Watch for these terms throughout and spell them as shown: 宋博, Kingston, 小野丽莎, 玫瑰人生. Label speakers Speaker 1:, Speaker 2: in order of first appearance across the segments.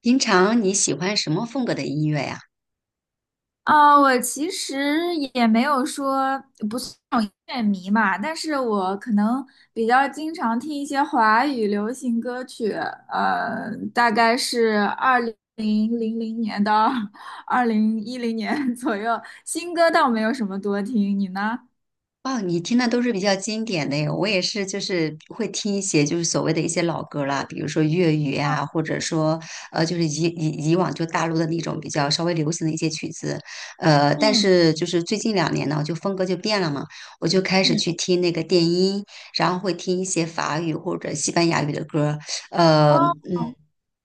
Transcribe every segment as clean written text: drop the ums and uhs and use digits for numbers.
Speaker 1: 平常你喜欢什么风格的音乐呀？
Speaker 2: 啊，我其实也没有说不是那种音乐迷嘛，但是我可能比较经常听一些华语流行歌曲，大概是2000年到 2010年 左右，新歌倒没有什么多听，你呢？
Speaker 1: 哦，你听的都是比较经典的耶，我也是，就是会听一些就是所谓的一些老歌啦，比如说粤语啊，或者说就是以往就大陆的那种比较稍微流行的一些曲子，但
Speaker 2: 嗯
Speaker 1: 是就是最近两年呢，就风格就变了嘛，我就开始
Speaker 2: 嗯
Speaker 1: 去听那个电音，然后会听一些法语或者西班牙语的歌，
Speaker 2: 哦，
Speaker 1: 嗯。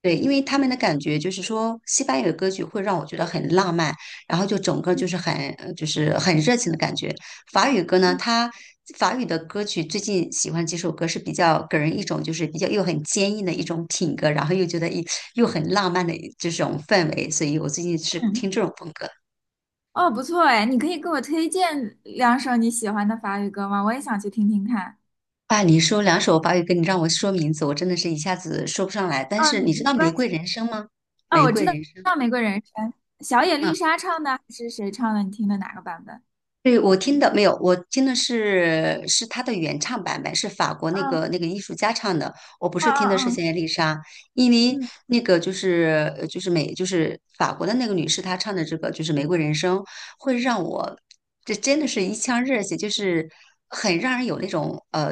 Speaker 1: 对，因为他们的感觉就是说，西班牙语歌曲会让我觉得很浪漫，然后就整个就是很就是很热情的感觉。法语歌呢，它法语的歌曲最近喜欢几首歌是比较给人一种就是比较又很坚硬的一种品格，然后又觉得又很浪漫的这种氛围，所以我最近是
Speaker 2: 嗯，
Speaker 1: 听这种风格。
Speaker 2: 哦，不错哎，你可以给我推荐两首你喜欢的法语歌吗？我也想去听听看。
Speaker 1: 啊，你说两首法语歌，你让我说名字，我真的是一下子说不上来。但是
Speaker 2: 嗯，
Speaker 1: 你知道
Speaker 2: 没
Speaker 1: 《玫
Speaker 2: 关
Speaker 1: 瑰
Speaker 2: 系。
Speaker 1: 人生》吗？
Speaker 2: 啊，
Speaker 1: 《玫
Speaker 2: 我
Speaker 1: 瑰
Speaker 2: 知道
Speaker 1: 人生》。
Speaker 2: 《玫瑰人生》，小野
Speaker 1: 嗯。
Speaker 2: 丽莎唱的还是谁唱的？你听的哪个版本？
Speaker 1: 对，我听的没有，我听的是他的原唱版本，是法国那
Speaker 2: 嗯
Speaker 1: 个那个艺术家唱的。我不是
Speaker 2: 嗯
Speaker 1: 听的是
Speaker 2: 嗯
Speaker 1: 现在丽莎，因为
Speaker 2: 嗯嗯
Speaker 1: 那个就是就是美就是法国的那个女士，她唱的这个就是《玫瑰人生》，会让我这真的是一腔热血，就是很让人有那种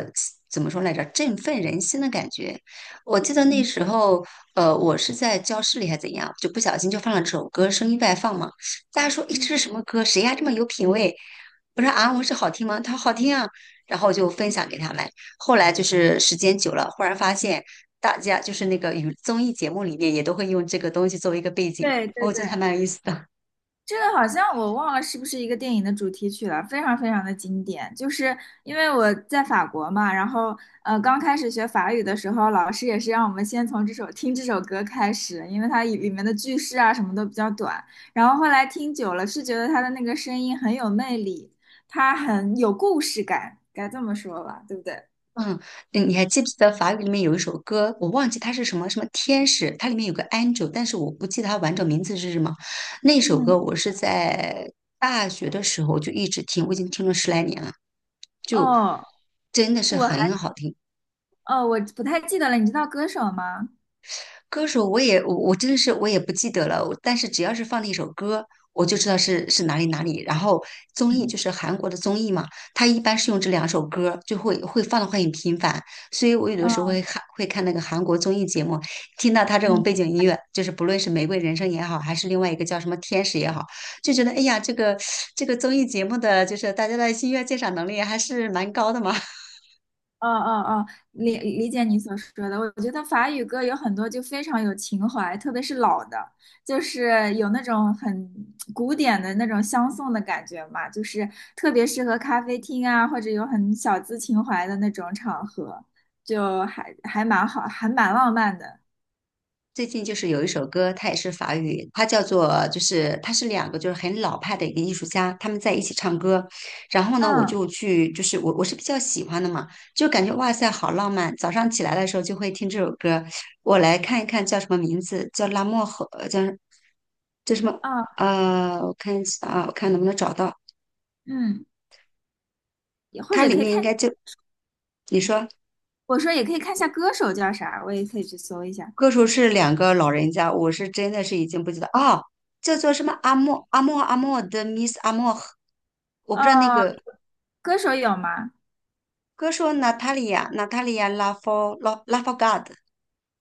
Speaker 1: 怎么说来着，振奋人心的感觉。我记得那时候我是在教室里还怎样，就不小心就放了这首歌，声音外放嘛，大家说诶这
Speaker 2: 嗯，
Speaker 1: 是什么歌？谁呀这么有品味？我说啊，我说好听吗？他说好听啊，然后就分享给他们。后来就是时间久了，忽然发现大家就是那个娱综艺节目里面也都会用这个东西作为一个背景，
Speaker 2: 对对
Speaker 1: 我
Speaker 2: 对，
Speaker 1: 觉得还蛮有意思的。
Speaker 2: 这个好像我忘了是不是一个电影的主题曲了，非常非常的经典。就是因为我在法国嘛，然后刚开始学法语的时候，老师也是让我们先从听这首歌开始，因为它里面的句式啊什么都比较短。然后后来听久了，是觉得他的那个声音很有魅力，他很有故事感，该这么说吧，对不对？
Speaker 1: 嗯，嗯你还记不记得法语里面有一首歌？我忘记它是什么什么天使，它里面有个 angel,但是我不记得它完整名字是什么。那首
Speaker 2: 嗯，
Speaker 1: 歌我是在大学的时候就一直听，我已经听了十来年了，就
Speaker 2: 哦，
Speaker 1: 真的是
Speaker 2: 我还，
Speaker 1: 很好听。
Speaker 2: 哦，我不太记得了，你知道歌手吗？
Speaker 1: 歌手我真的是我也不记得了，我但是只要是放了一首歌，我就知道是哪里。然后综艺就
Speaker 2: 嗯，
Speaker 1: 是韩国的综艺嘛，它一般是用这两首歌，就会放的很频繁，所以我有的时候
Speaker 2: 嗯，
Speaker 1: 会看那个韩国综艺节目，听到他这种
Speaker 2: 嗯
Speaker 1: 背景音乐，就是不论是《玫瑰人生》也好，还是另外一个叫什么《天使》也好，就觉得哎呀，这个综艺节目的就是大家的音乐鉴赏能力还是蛮高的嘛。
Speaker 2: 哦哦哦，理解你所说的。我觉得法语歌有很多就非常有情怀，特别是老的，就是有那种很古典的那种相送的感觉嘛，就是特别适合咖啡厅啊，或者有很小资情怀的那种场合，就还蛮好，还蛮浪漫的。
Speaker 1: 最近就是有一首歌，它也是法语，它叫做就是它是两个就是很老派的一个艺术家，他们在一起唱歌。然后呢，我
Speaker 2: 嗯
Speaker 1: 就去就是我是比较喜欢的嘛，就感觉哇塞好浪漫。早上起来的时候就会听这首歌。我来看一看叫什么名字，叫拉莫河，叫叫什么？
Speaker 2: 嗯
Speaker 1: 我看一下啊，我看能不能找到。
Speaker 2: 嗯，也或
Speaker 1: 它
Speaker 2: 者
Speaker 1: 里
Speaker 2: 可以
Speaker 1: 面应
Speaker 2: 看。
Speaker 1: 该就你说。
Speaker 2: 我说也可以看一下歌手叫啥，我也可以去搜一下。
Speaker 1: 歌手是两个老人家，我是真的是已经不记得啊，叫做什么阿莫的 Miss 阿莫，我不知道那
Speaker 2: 哦，
Speaker 1: 个
Speaker 2: 歌手有吗？
Speaker 1: 歌手娜塔莉亚拉夫拉 r God,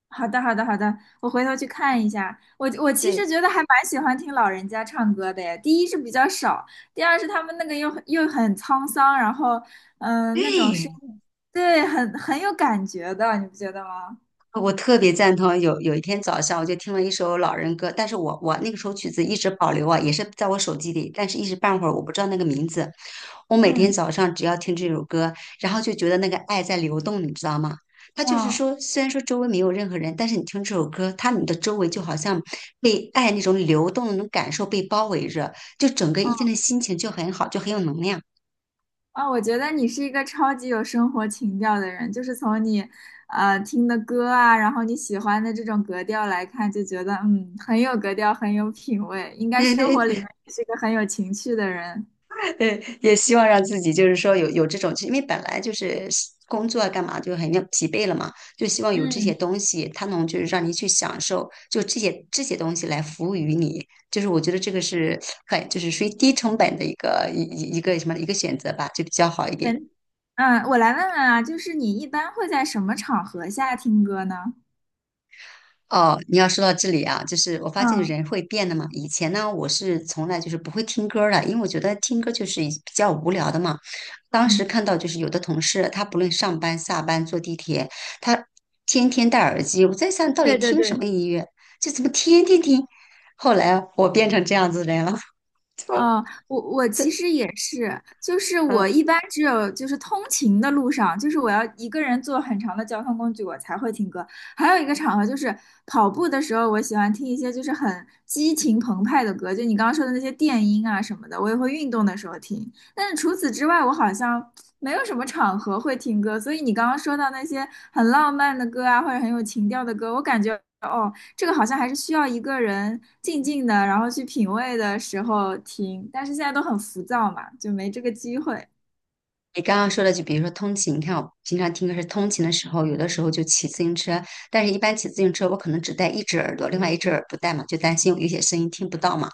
Speaker 2: 好的，好的，好的，我回头去看一下。我其
Speaker 1: 对
Speaker 2: 实觉得还蛮喜欢听老人家唱歌的耶。第一是比较少，第二是他们那个又很沧桑，然后那种声
Speaker 1: 对，
Speaker 2: 音，对，很有感觉的，你不觉得吗？
Speaker 1: 我特别赞同。有一天早上，我就听了一首老人歌，但是我那个首曲子一直保留啊，也是在我手机里，但是一时半会儿我不知道那个名字。我每天
Speaker 2: 嗯
Speaker 1: 早上只要听这首歌，然后就觉得那个爱在流动，你知道吗？他就是
Speaker 2: 嗯，
Speaker 1: 说，虽然说周围没有任何人，但是你听这首歌，他你的周围就好像被爱那种流动的那种感受被包围着，就整个一天
Speaker 2: 嗯。
Speaker 1: 的心情就很好，就很有能量。
Speaker 2: 啊，我觉得你是一个超级有生活情调的人，就是从你，听的歌啊，然后你喜欢的这种格调来看，就觉得嗯，很有格调，很有品味，应该
Speaker 1: 对
Speaker 2: 生活里面
Speaker 1: 对，
Speaker 2: 也是一个很有情趣的人。
Speaker 1: 也希望让自己就是说有这种，因为本来就是工作啊干嘛就很要疲惫了嘛，就希望有这些
Speaker 2: 嗯，
Speaker 1: 东西，它能就是让你去享受，就这些东西来服务于你，就是我觉得这个是很就是属于低成本的一个一一一个什么一个选择吧，就比较好一
Speaker 2: 对，
Speaker 1: 点。
Speaker 2: 嗯，我来问问啊，就是你一般会在什么场合下听歌呢？
Speaker 1: 哦，你要说到这里啊，就是我发现
Speaker 2: 嗯
Speaker 1: 人会变的嘛。以前呢，我是从来就是不会听歌儿的，因为我觉得听歌就是一比较无聊的嘛。当时
Speaker 2: 嗯。
Speaker 1: 看到就是有的同事，他不论上班、下班、坐地铁，他天天戴耳机。我在想，到底
Speaker 2: 对对
Speaker 1: 听什
Speaker 2: 对。
Speaker 1: 么音乐？就怎么天天听？后来我变成这样子的人了，
Speaker 2: 哦，我
Speaker 1: 这
Speaker 2: 其实也是，就是
Speaker 1: 嗯。
Speaker 2: 我一般只有就是通勤的路上，就是我要一个人坐很长的交通工具，我才会听歌。还有一个场合就是跑步的时候，我喜欢听一些就是很激情澎湃的歌，就你刚刚说的那些电音啊什么的，我也会运动的时候听。但是除此之外，我好像没有什么场合会听歌，所以你刚刚说到那些很浪漫的歌啊，或者很有情调的歌，我感觉。哦。这个好像还是需要一个人静静的，然后去品味的时候听，但是现在都很浮躁嘛，就没这个机会。
Speaker 1: 你刚刚说的，就比如说通勤，你看我平常听歌是通勤的时候，有的时候就骑自行车，但是一般骑自行车我可能只戴一只耳朵，另外一只耳不戴嘛，就担心有些声音听不到嘛。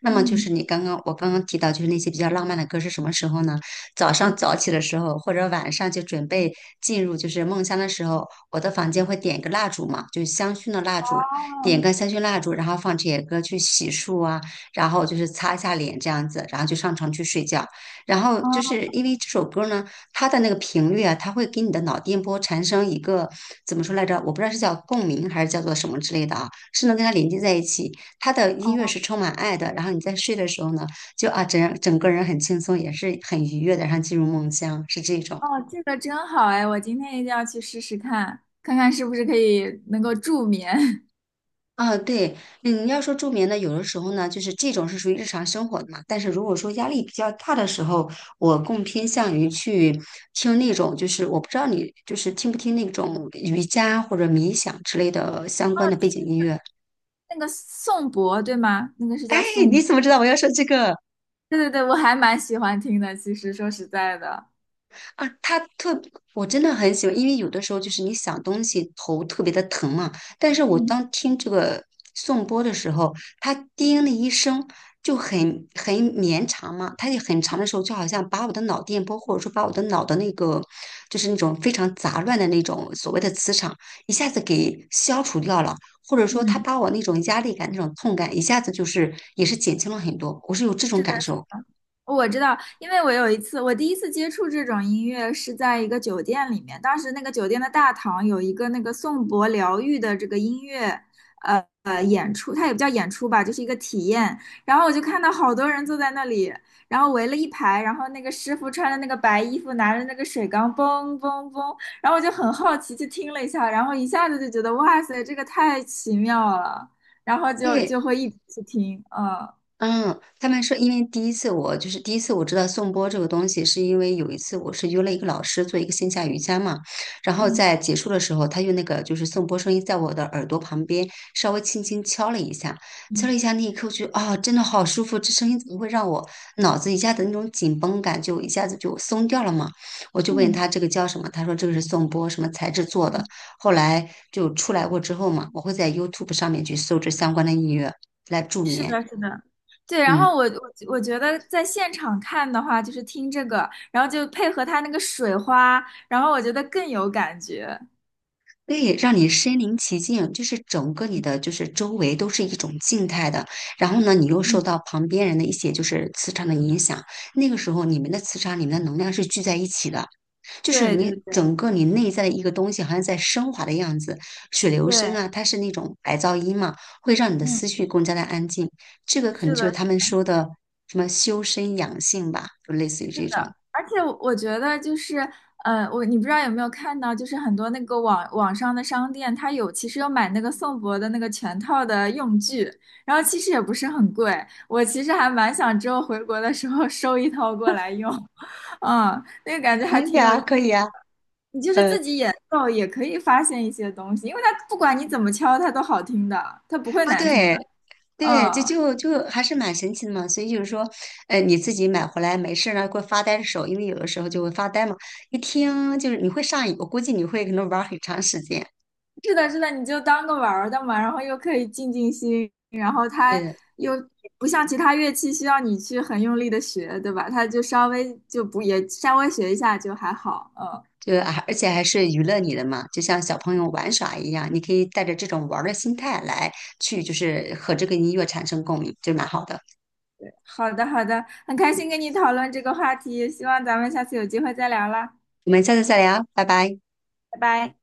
Speaker 1: 那么就是
Speaker 2: 嗯，
Speaker 1: 你刚刚我刚刚提到，就是那些比较浪漫的歌是什么时候呢？早上早起的时候，或者晚上就准备进入就是梦乡的时候，我的房间会点一个蜡烛嘛，就是香薰的蜡烛，点个
Speaker 2: 哦
Speaker 1: 香薰蜡烛，然后放这些歌去洗漱啊，然后就是擦一下脸这样子，然后就上床去睡觉。然后就
Speaker 2: 哦
Speaker 1: 是因为这首歌呢，它的那个频率啊，它会给你的脑电波产生一个怎么说来着？我不知道是叫共鸣还是叫做什么之类的啊，是能跟它连接在一起。它的音乐
Speaker 2: 哦，
Speaker 1: 是充满爱的，然后你在睡的时候呢，就整个人很轻松，也是很愉悦的，然后进入梦乡，是这种。
Speaker 2: 哦，这个真好哎！我今天一定要去试试看，看看是不是可以能够助眠。
Speaker 1: 啊，对，嗯，要说助眠呢，有的时候呢，就是这种是属于日常生活的嘛。但是如果说压力比较大的时候，我更偏向于去听那种，就是我不知道你就是听不听那种瑜伽或者冥想之类的相
Speaker 2: 哦，
Speaker 1: 关的背
Speaker 2: 对，
Speaker 1: 景音乐。
Speaker 2: 那个宋博对吗？那个是
Speaker 1: 哎，
Speaker 2: 叫宋
Speaker 1: 你怎么知
Speaker 2: 博
Speaker 1: 道我要说这个？
Speaker 2: 对对对，我还蛮喜欢听的。其实说实在的，
Speaker 1: 啊，他特，我真的很喜欢，因为有的时候就是你想东西头特别的疼嘛，但是我
Speaker 2: 嗯
Speaker 1: 当听这个颂钵的时候，它叮的一声就很绵长嘛，它也很长的时候，就好像把我的脑电波或者说把我的脑的那个就是那种非常杂乱的那种所谓的磁场一下子给消除掉了，或者说他
Speaker 2: 嗯，
Speaker 1: 把我那种压力感、那种痛感一下子就是也是减轻了很多，我是有这种
Speaker 2: 是。
Speaker 1: 感受。
Speaker 2: 我知道，因为我有一次，我第一次接触这种音乐是在一个酒店里面，当时那个酒店的大堂有一个那个颂钵疗愈的这个音乐，演出，它也不叫演出吧，就是一个体验。然后我就看到好多人坐在那里，然后围了一排，然后那个师傅穿着那个白衣服，拿着那个水缸，嘣嘣嘣，然后我就很好奇去听了一下，然后一下子就觉得哇塞，这个太奇妙了，然后
Speaker 1: 因为。
Speaker 2: 就会一直去听，嗯
Speaker 1: 嗯，他们说，因为第一次我知道颂钵这个东西，是因为有一次我是约了一个老师做一个线下瑜伽嘛，然后
Speaker 2: 嗯
Speaker 1: 在结束的时候，他用那个就是颂钵声音在我的耳朵旁边稍微轻轻敲了一下，敲了一
Speaker 2: 嗯
Speaker 1: 下那一刻，我觉得啊、真的好舒服，这声音怎么会让我脑子一下子那种紧绷感就一下子就松掉了嘛？我就问
Speaker 2: 嗯。
Speaker 1: 他这个叫什么，他说这个是颂钵什么材质做的，
Speaker 2: 嗯
Speaker 1: 后来就出来过之后嘛，我会在 YouTube 上面去搜这相关的音乐来助
Speaker 2: 是
Speaker 1: 眠，
Speaker 2: 的，是的，对。然
Speaker 1: 嗯。
Speaker 2: 后我我觉得在现场看的话，就是听这个，然后就配合它那个水花，然后我觉得更有感觉。
Speaker 1: 对，让你身临其境，就是整个你的就是周围都是一种静态的，然后呢，你又受
Speaker 2: 嗯，
Speaker 1: 到旁边人的一些就是磁场的影响，那个时候你们的磁场、你们的能量是聚在一起的，就是
Speaker 2: 对
Speaker 1: 你
Speaker 2: 对对
Speaker 1: 整个你内在的一个东西好像在升华的样子。水流声
Speaker 2: 对，
Speaker 1: 啊，它是那种白噪音嘛，会让你的
Speaker 2: 嗯，
Speaker 1: 思绪更加的安静。这个可能
Speaker 2: 是
Speaker 1: 就是
Speaker 2: 的，
Speaker 1: 他
Speaker 2: 是
Speaker 1: 们
Speaker 2: 的。
Speaker 1: 说的什么修身养性吧，就类似于这种。
Speaker 2: 而且我觉得就是，你不知道有没有看到，就是很多那个网上的商店，它其实有买那个宋博的那个全套的用具，然后其实也不是很贵。我其实还蛮想之后回国的时候 收一套过来用，嗯，那个感觉
Speaker 1: 可
Speaker 2: 还
Speaker 1: 以
Speaker 2: 挺有。
Speaker 1: 啊，
Speaker 2: 意。
Speaker 1: 可以啊，
Speaker 2: 你就是自己演奏也可以发现一些东西，因为它不管你怎么敲，它都好听的，它不会
Speaker 1: 啊，
Speaker 2: 难听
Speaker 1: 对，
Speaker 2: 的。
Speaker 1: 对，这
Speaker 2: 嗯，
Speaker 1: 就就还是蛮神奇的嘛。所以就是说，呃，你自己买回来没事儿呢，会发呆的时候，因为有的时候就会发呆嘛。一听就是你会上瘾，我估计你会可能玩儿很长时间。
Speaker 2: 是的，是的，你就当个玩儿的嘛，然后又可以静静心，然后它
Speaker 1: 对的，
Speaker 2: 又不像其他乐器需要你去很用力的学，对吧？它就稍微就不也稍微学一下就还好。嗯，
Speaker 1: 就而且还是娱乐你的嘛，就像小朋友玩耍一样，你可以带着这种玩儿的心态来去，就是和这个音乐产生共鸣，就蛮好的。
Speaker 2: 好的，好的，很开心跟你讨论这个话题，希望咱们下次有机会再聊啦，
Speaker 1: 我们下次再聊，拜拜。
Speaker 2: 拜拜。